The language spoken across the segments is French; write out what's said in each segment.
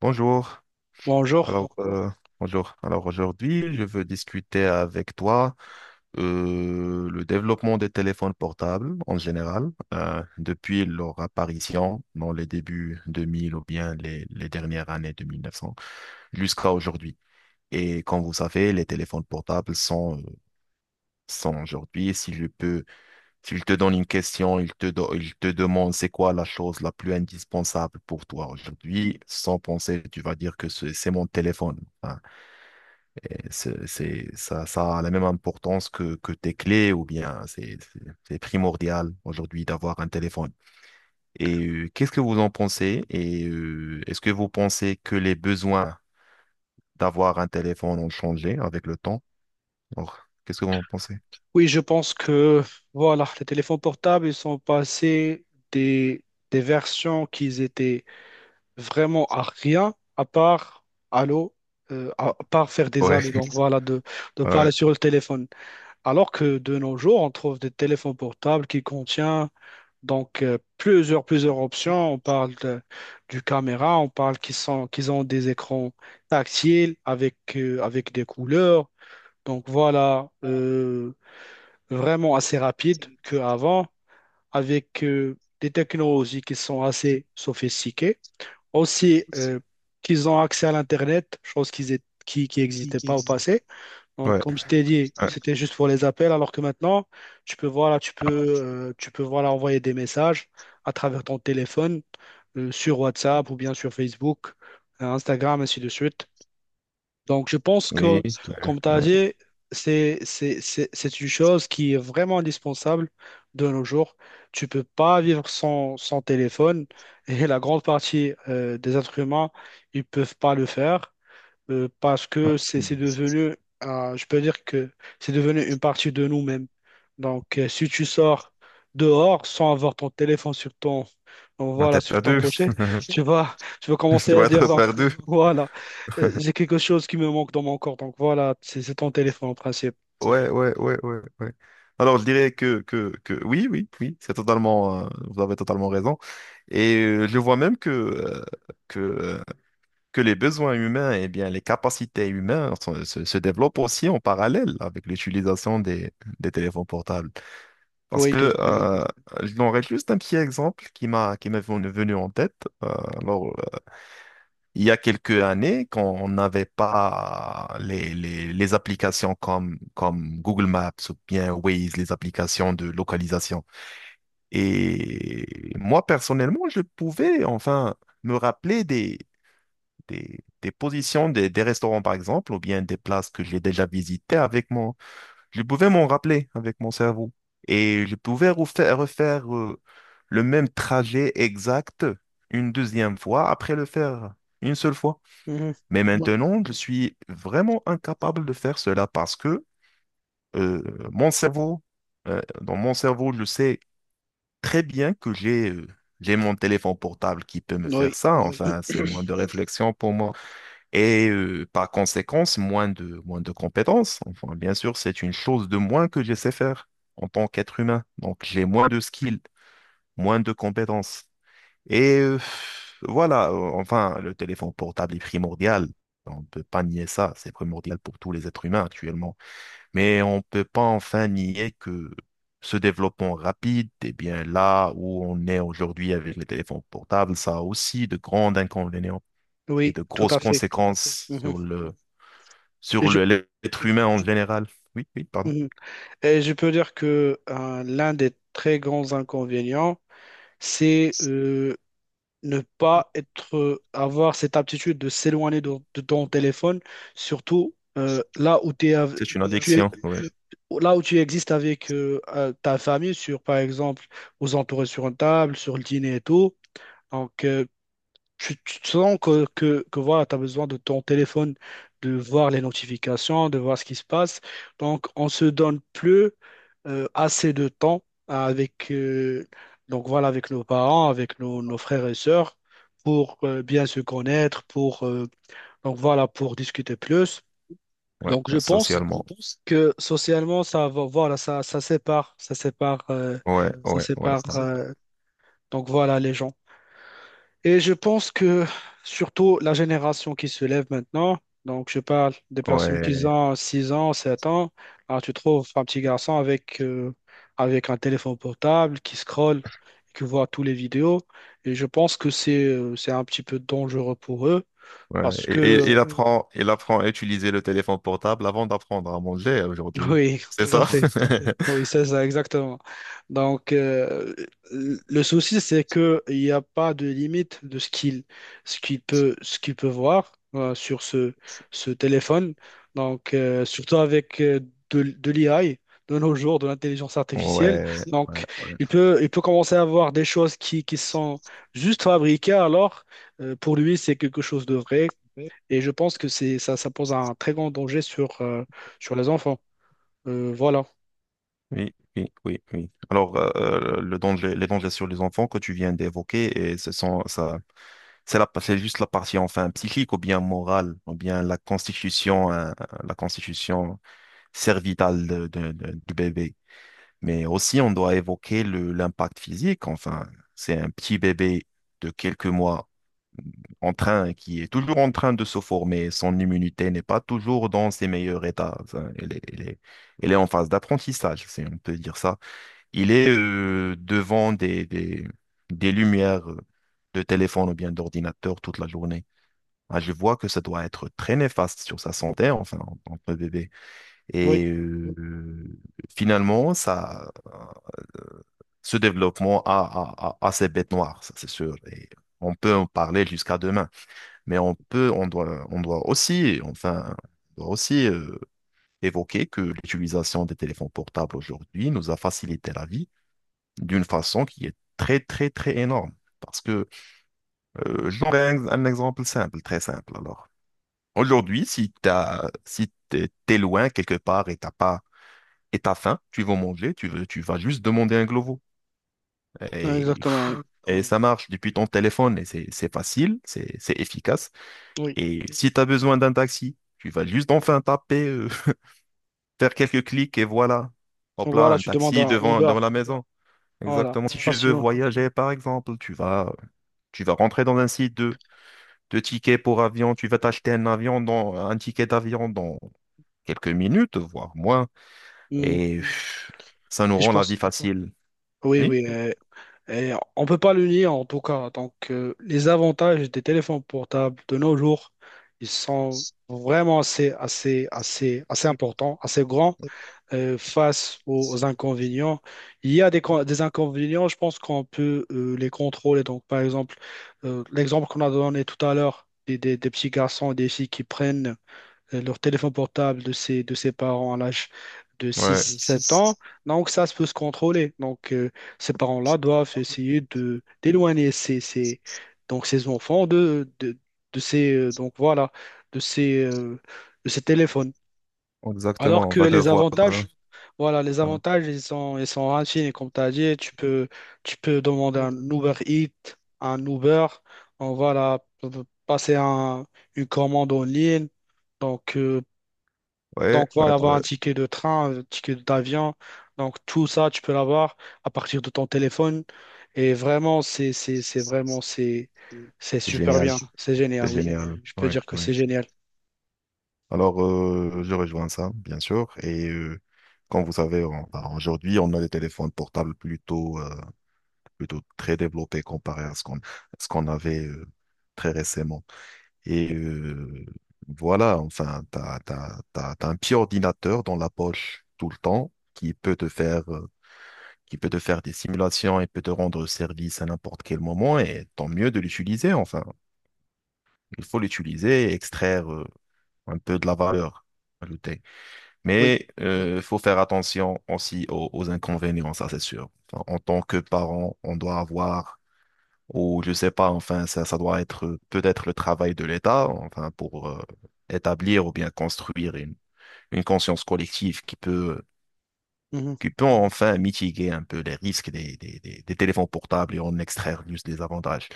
Bonjour. Bonjour. Alors, euh, bonjour. Alors aujourd'hui, je veux discuter avec toi le développement des téléphones portables en général, depuis leur apparition dans les débuts 2000 ou bien les dernières années de 1900 jusqu'à aujourd'hui. Et comme vous savez, les téléphones portables sont aujourd'hui, si je peux s'il te donne une question, il te demande c'est quoi la chose la plus indispensable pour toi aujourd'hui, sans penser, tu vas dire que c'est mon téléphone. Enfin, ça, ça a la même importance que tes clés ou bien c'est primordial aujourd'hui d'avoir un téléphone. Et qu'est-ce que vous en pensez? Et est-ce que vous pensez que les besoins d'avoir un téléphone ont changé avec le temps? Alors, qu'est-ce que vous en pensez? Oui, je pense que voilà, les téléphones portables, ils sont passés des, des versions qu'ils étaient vraiment à rien, à part allô, à part faire des Ouais, allô, donc voilà, de ouais, parler sur le téléphone. Alors que de nos jours, on trouve des téléphones portables qui contiennent donc plusieurs options. Du caméra, on parle qu'ils ont des écrans tactiles avec, avec des couleurs. Donc voilà. Vraiment assez rapide qu'avant, avec des technologies qui sont assez sophistiquées. Aussi, qu'ils ont accès à l'Internet, chose qui n'existait pas au passé. Donc, ouais. comme je t'ai dit, Ouais. c'était juste pour les appels, alors que maintenant, tu peux voilà, envoyer des messages à travers ton téléphone, sur WhatsApp ou bien sur Facebook, Instagram, ainsi de suite. Donc, je pense Oui, que, comme tu as compliqué. dit, c'est une chose qui est vraiment indispensable de nos jours. Tu peux pas vivre sans, sans téléphone et la grande partie des êtres humains, ils peuvent pas le faire parce que c'est devenu, je peux dire que c'est devenu une partie de nous-mêmes. Donc, si tu sors dehors sans avoir ton téléphone sur ton, donc On va voilà, être sur à ton deux. pochet, tu vas Tu commencer à vas dire, être donc, par deux. voilà, j'ai quelque chose qui me manque dans mon corps. Donc, voilà, c'est ton téléphone en principe. Ouais, ouais, ouais, ouais, ouais. Alors, je dirais que oui, oui, oui, c'est totalement, vous avez totalement raison. Et je vois même que que les besoins humains, et bien, les capacités humaines se, se développent aussi en parallèle avec l'utilisation des téléphones portables. Parce Oui, tout que, oui, à fait. J'aurais juste un petit exemple qui m'est venu en tête. Euh, alors, Il y a quelques années, quand on n'avait pas les applications comme Google Maps ou bien Waze, les applications de localisation. Et moi, personnellement, je pouvais enfin me rappeler des positions des restaurants, par exemple, ou bien des places que j'ai déjà visitées avec mon... Je pouvais m'en rappeler avec mon cerveau. Et je pouvais refaire le même trajet exact une deuxième fois après le faire une seule fois. Mhm. Mais maintenant, je suis vraiment incapable de faire cela parce que euh, mon cerveau, dans mon cerveau, je sais très bien que j'ai mon téléphone portable qui peut me faire Oui, ça. Enfin, c'est moins de réflexion pour moi et par conséquence, moins de compétences. Enfin, bien sûr, c'est une chose de moins que je sais faire en tant qu'être humain. Donc, j'ai moins de skills, moins de compétences. Et voilà, enfin, le téléphone portable est primordial. On ne peut pas nier ça, c'est primordial pour tous les êtres humains actuellement. Mais on ne peut pas enfin nier que ce développement rapide, eh bien là où on est aujourd'hui avec les téléphones portables, ça a aussi de grands inconvénients et oui, de tout grosses à fait. conséquences Mhm. Et sur je, le, l'être humain en général. Oui, oui, pardon. mhm. Et je peux dire que l'un des très grands inconvénients, c'est ne pas être, avoir cette aptitude de s'éloigner de ton téléphone, surtout là où t'es av- C'est une tu es, addiction, ouais, là où tu existes avec ta famille, sur, par exemple, vous entourez sur une table, sur le dîner et tout. Donc, tu te sens que voilà, tu as besoin de ton téléphone, de voir les notifications, de voir ce qui se passe. Donc, on se donne plus assez de temps avec, donc voilà, avec nos parents, avec nos, nos frères et sœurs pour bien se connaître, pour, donc voilà, pour discuter plus. ouais, ouais, Donc, je toi, pense socialement. que socialement, voilà, ça, Ouais, ça ouais, ouais, sépare, euh, donc voilà, les gens. Et je pense que surtout la génération qui se lève maintenant, donc je parle des ouais, personnes qui ouais, ont 6 ans, 7 ans, alors tu trouves un petit garçon avec, avec un téléphone portable qui scrolle, qui voit toutes les vidéos. Et je pense que c'est un petit peu dangereux pour eux ouais. parce que, Et- il Parce apprend, il apprend à utiliser le téléphone portable avant d'apprendre à manger aujourd'hui. oui, C'est oui, tout à ça? fait. Oui, c'est ça, exactement. Donc, le souci, c'est que il n'y a pas de limite de ce qu'il ce qu'il peut voir sur ce, ce téléphone. Donc, surtout avec de l'IA, de nos jours, de l'intelligence Oui, artificielle. ouais, ouais, Donc, ouais. Il peut commencer à voir des choses qui sont juste fabriquées, alors pour lui, c'est quelque chose de vrai. Et je pense que ça pose un très grand danger sur, sur les enfants. Voilà. Oui, oui, oui, oui. Alors, le danger, les dangers sur les enfants que tu viens d'évoquer, et ce sont, ça, c'est juste la partie enfin psychique ou bien morale ou bien la constitution, hein, la constitution cervitale du bébé. Mais aussi, on doit évoquer le, l'impact physique. Enfin, c'est un petit bébé de quelques mois qui est toujours en train de se former, son immunité n'est pas toujours dans ses meilleurs états. Enfin, elle elle est en phase d'apprentissage, si on peut dire ça. Il est devant des lumières de téléphone ou bien d'ordinateur toute la journée. Ah, je vois que ça doit être très néfaste sur sa santé, enfin, en tant que bébé. Oui. Et finalement, ça, ce développement a ses bêtes noires, ça c'est sûr. Et on peut en parler jusqu'à demain. Mais on peut, on doit aussi, on doit aussi euh, évoquer que l'utilisation des téléphones portables aujourd'hui nous a facilité la vie d'une façon qui est très, très, très énorme. Parce que, je donnerai un exemple simple, très simple. Alors, aujourd'hui, si t'as, si t'es, t'es loin quelque part et t'as faim, tu vas manger, tu veux, tu vas juste demander un globo. Ouais, Et, exactement, oui. et ça marche depuis ton téléphone et c'est facile, c'est efficace. Oui. Et si tu as besoin d'un taxi, tu vas juste enfin taper, faire quelques clics et voilà. Hop Donc là, voilà, un tu demandes taxi un Uber. devant la maison. Voilà, Exactement. Si tu veux facilement. voyager, par exemple, tu vas rentrer dans un site de tickets pour avion, tu vas t'acheter un avion dans, un ticket d'avion dans quelques minutes, voire moins. Mm. Et pff, ça nous Et je rend la pense, vie facile. oui, Oui? oui. Et on peut pas le nier en tout cas. Donc, les avantages des téléphones portables de nos jours, ils sont vraiment assez importants, assez grands face aux, aux inconvénients. Il y a des, con- Des inconvénients, je pense qu'on peut les contrôler. Donc, par exemple, l'exemple qu'on a donné tout à l'heure, des petits garçons et des filles qui prennent leur téléphone portable de ses parents à l'âge de Ouais, six sept ans. Donc, ça se peut se contrôler. Donc, ces parents-là doivent essayer de d'éloigner donc, ces enfants de, donc, voilà, de ces, euh, de ces téléphones. Alors exactement. On que va les devoir. Avantages, voilà, les avantages, ils sont infinis. Comme tu as dit, tu peux demander un Uber Eats, un Uber, on voilà, passer un, une commande en ligne. Donc, euh, Ouais, donc ouais, voilà, avoir ouais. un ticket de train, un ticket d'avion. Donc tout ça, tu peux l'avoir à partir de ton téléphone. Et vraiment, c'est C'est super génial. bien. C'est C'est génial, oui. génial. Je peux Ouais, dire que ouais. c'est génial. Alors, je rejoins ça, bien sûr. Et comme vous savez, enfin, aujourd'hui, on a des téléphones portables plutôt très développés comparé à ce qu'on avait très récemment. Et voilà, enfin, tu as, t'as, t'as- t'as un petit ordinateur dans la poche tout le temps qui peut te faire, qui peut te faire des simulations et peut te rendre service à n'importe quel moment. Et tant mieux de l'utiliser, enfin. Il faut l'utiliser et extraire un peu de la valeur ajoutée. Oui. Mais il faut faire attention aussi aux inconvénients, ça c'est sûr. Enfin, en tant que parent, on doit avoir, ou je sais pas, enfin, ça doit être peut-être le travail de l'État, enfin, pour établir ou bien construire une conscience collective Mhm. qui peut enfin mitiguer un peu les risques des téléphones portables et en extraire juste des avantages.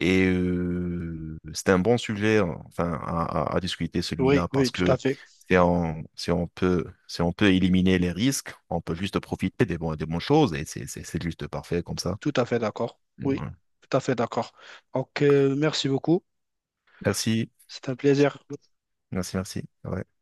Et c'était un bon sujet, hein, enfin, à discuter Oui, celui-là oui, parce tout à que fait. Si on peut éliminer les risques, on peut juste profiter des bonnes choses et c'est juste parfait comme ça. Tout à fait d'accord. Oui, Ouais. tout à fait d'accord. Donc, merci beaucoup. Merci, C'est un plaisir. merci, merci. Ouais.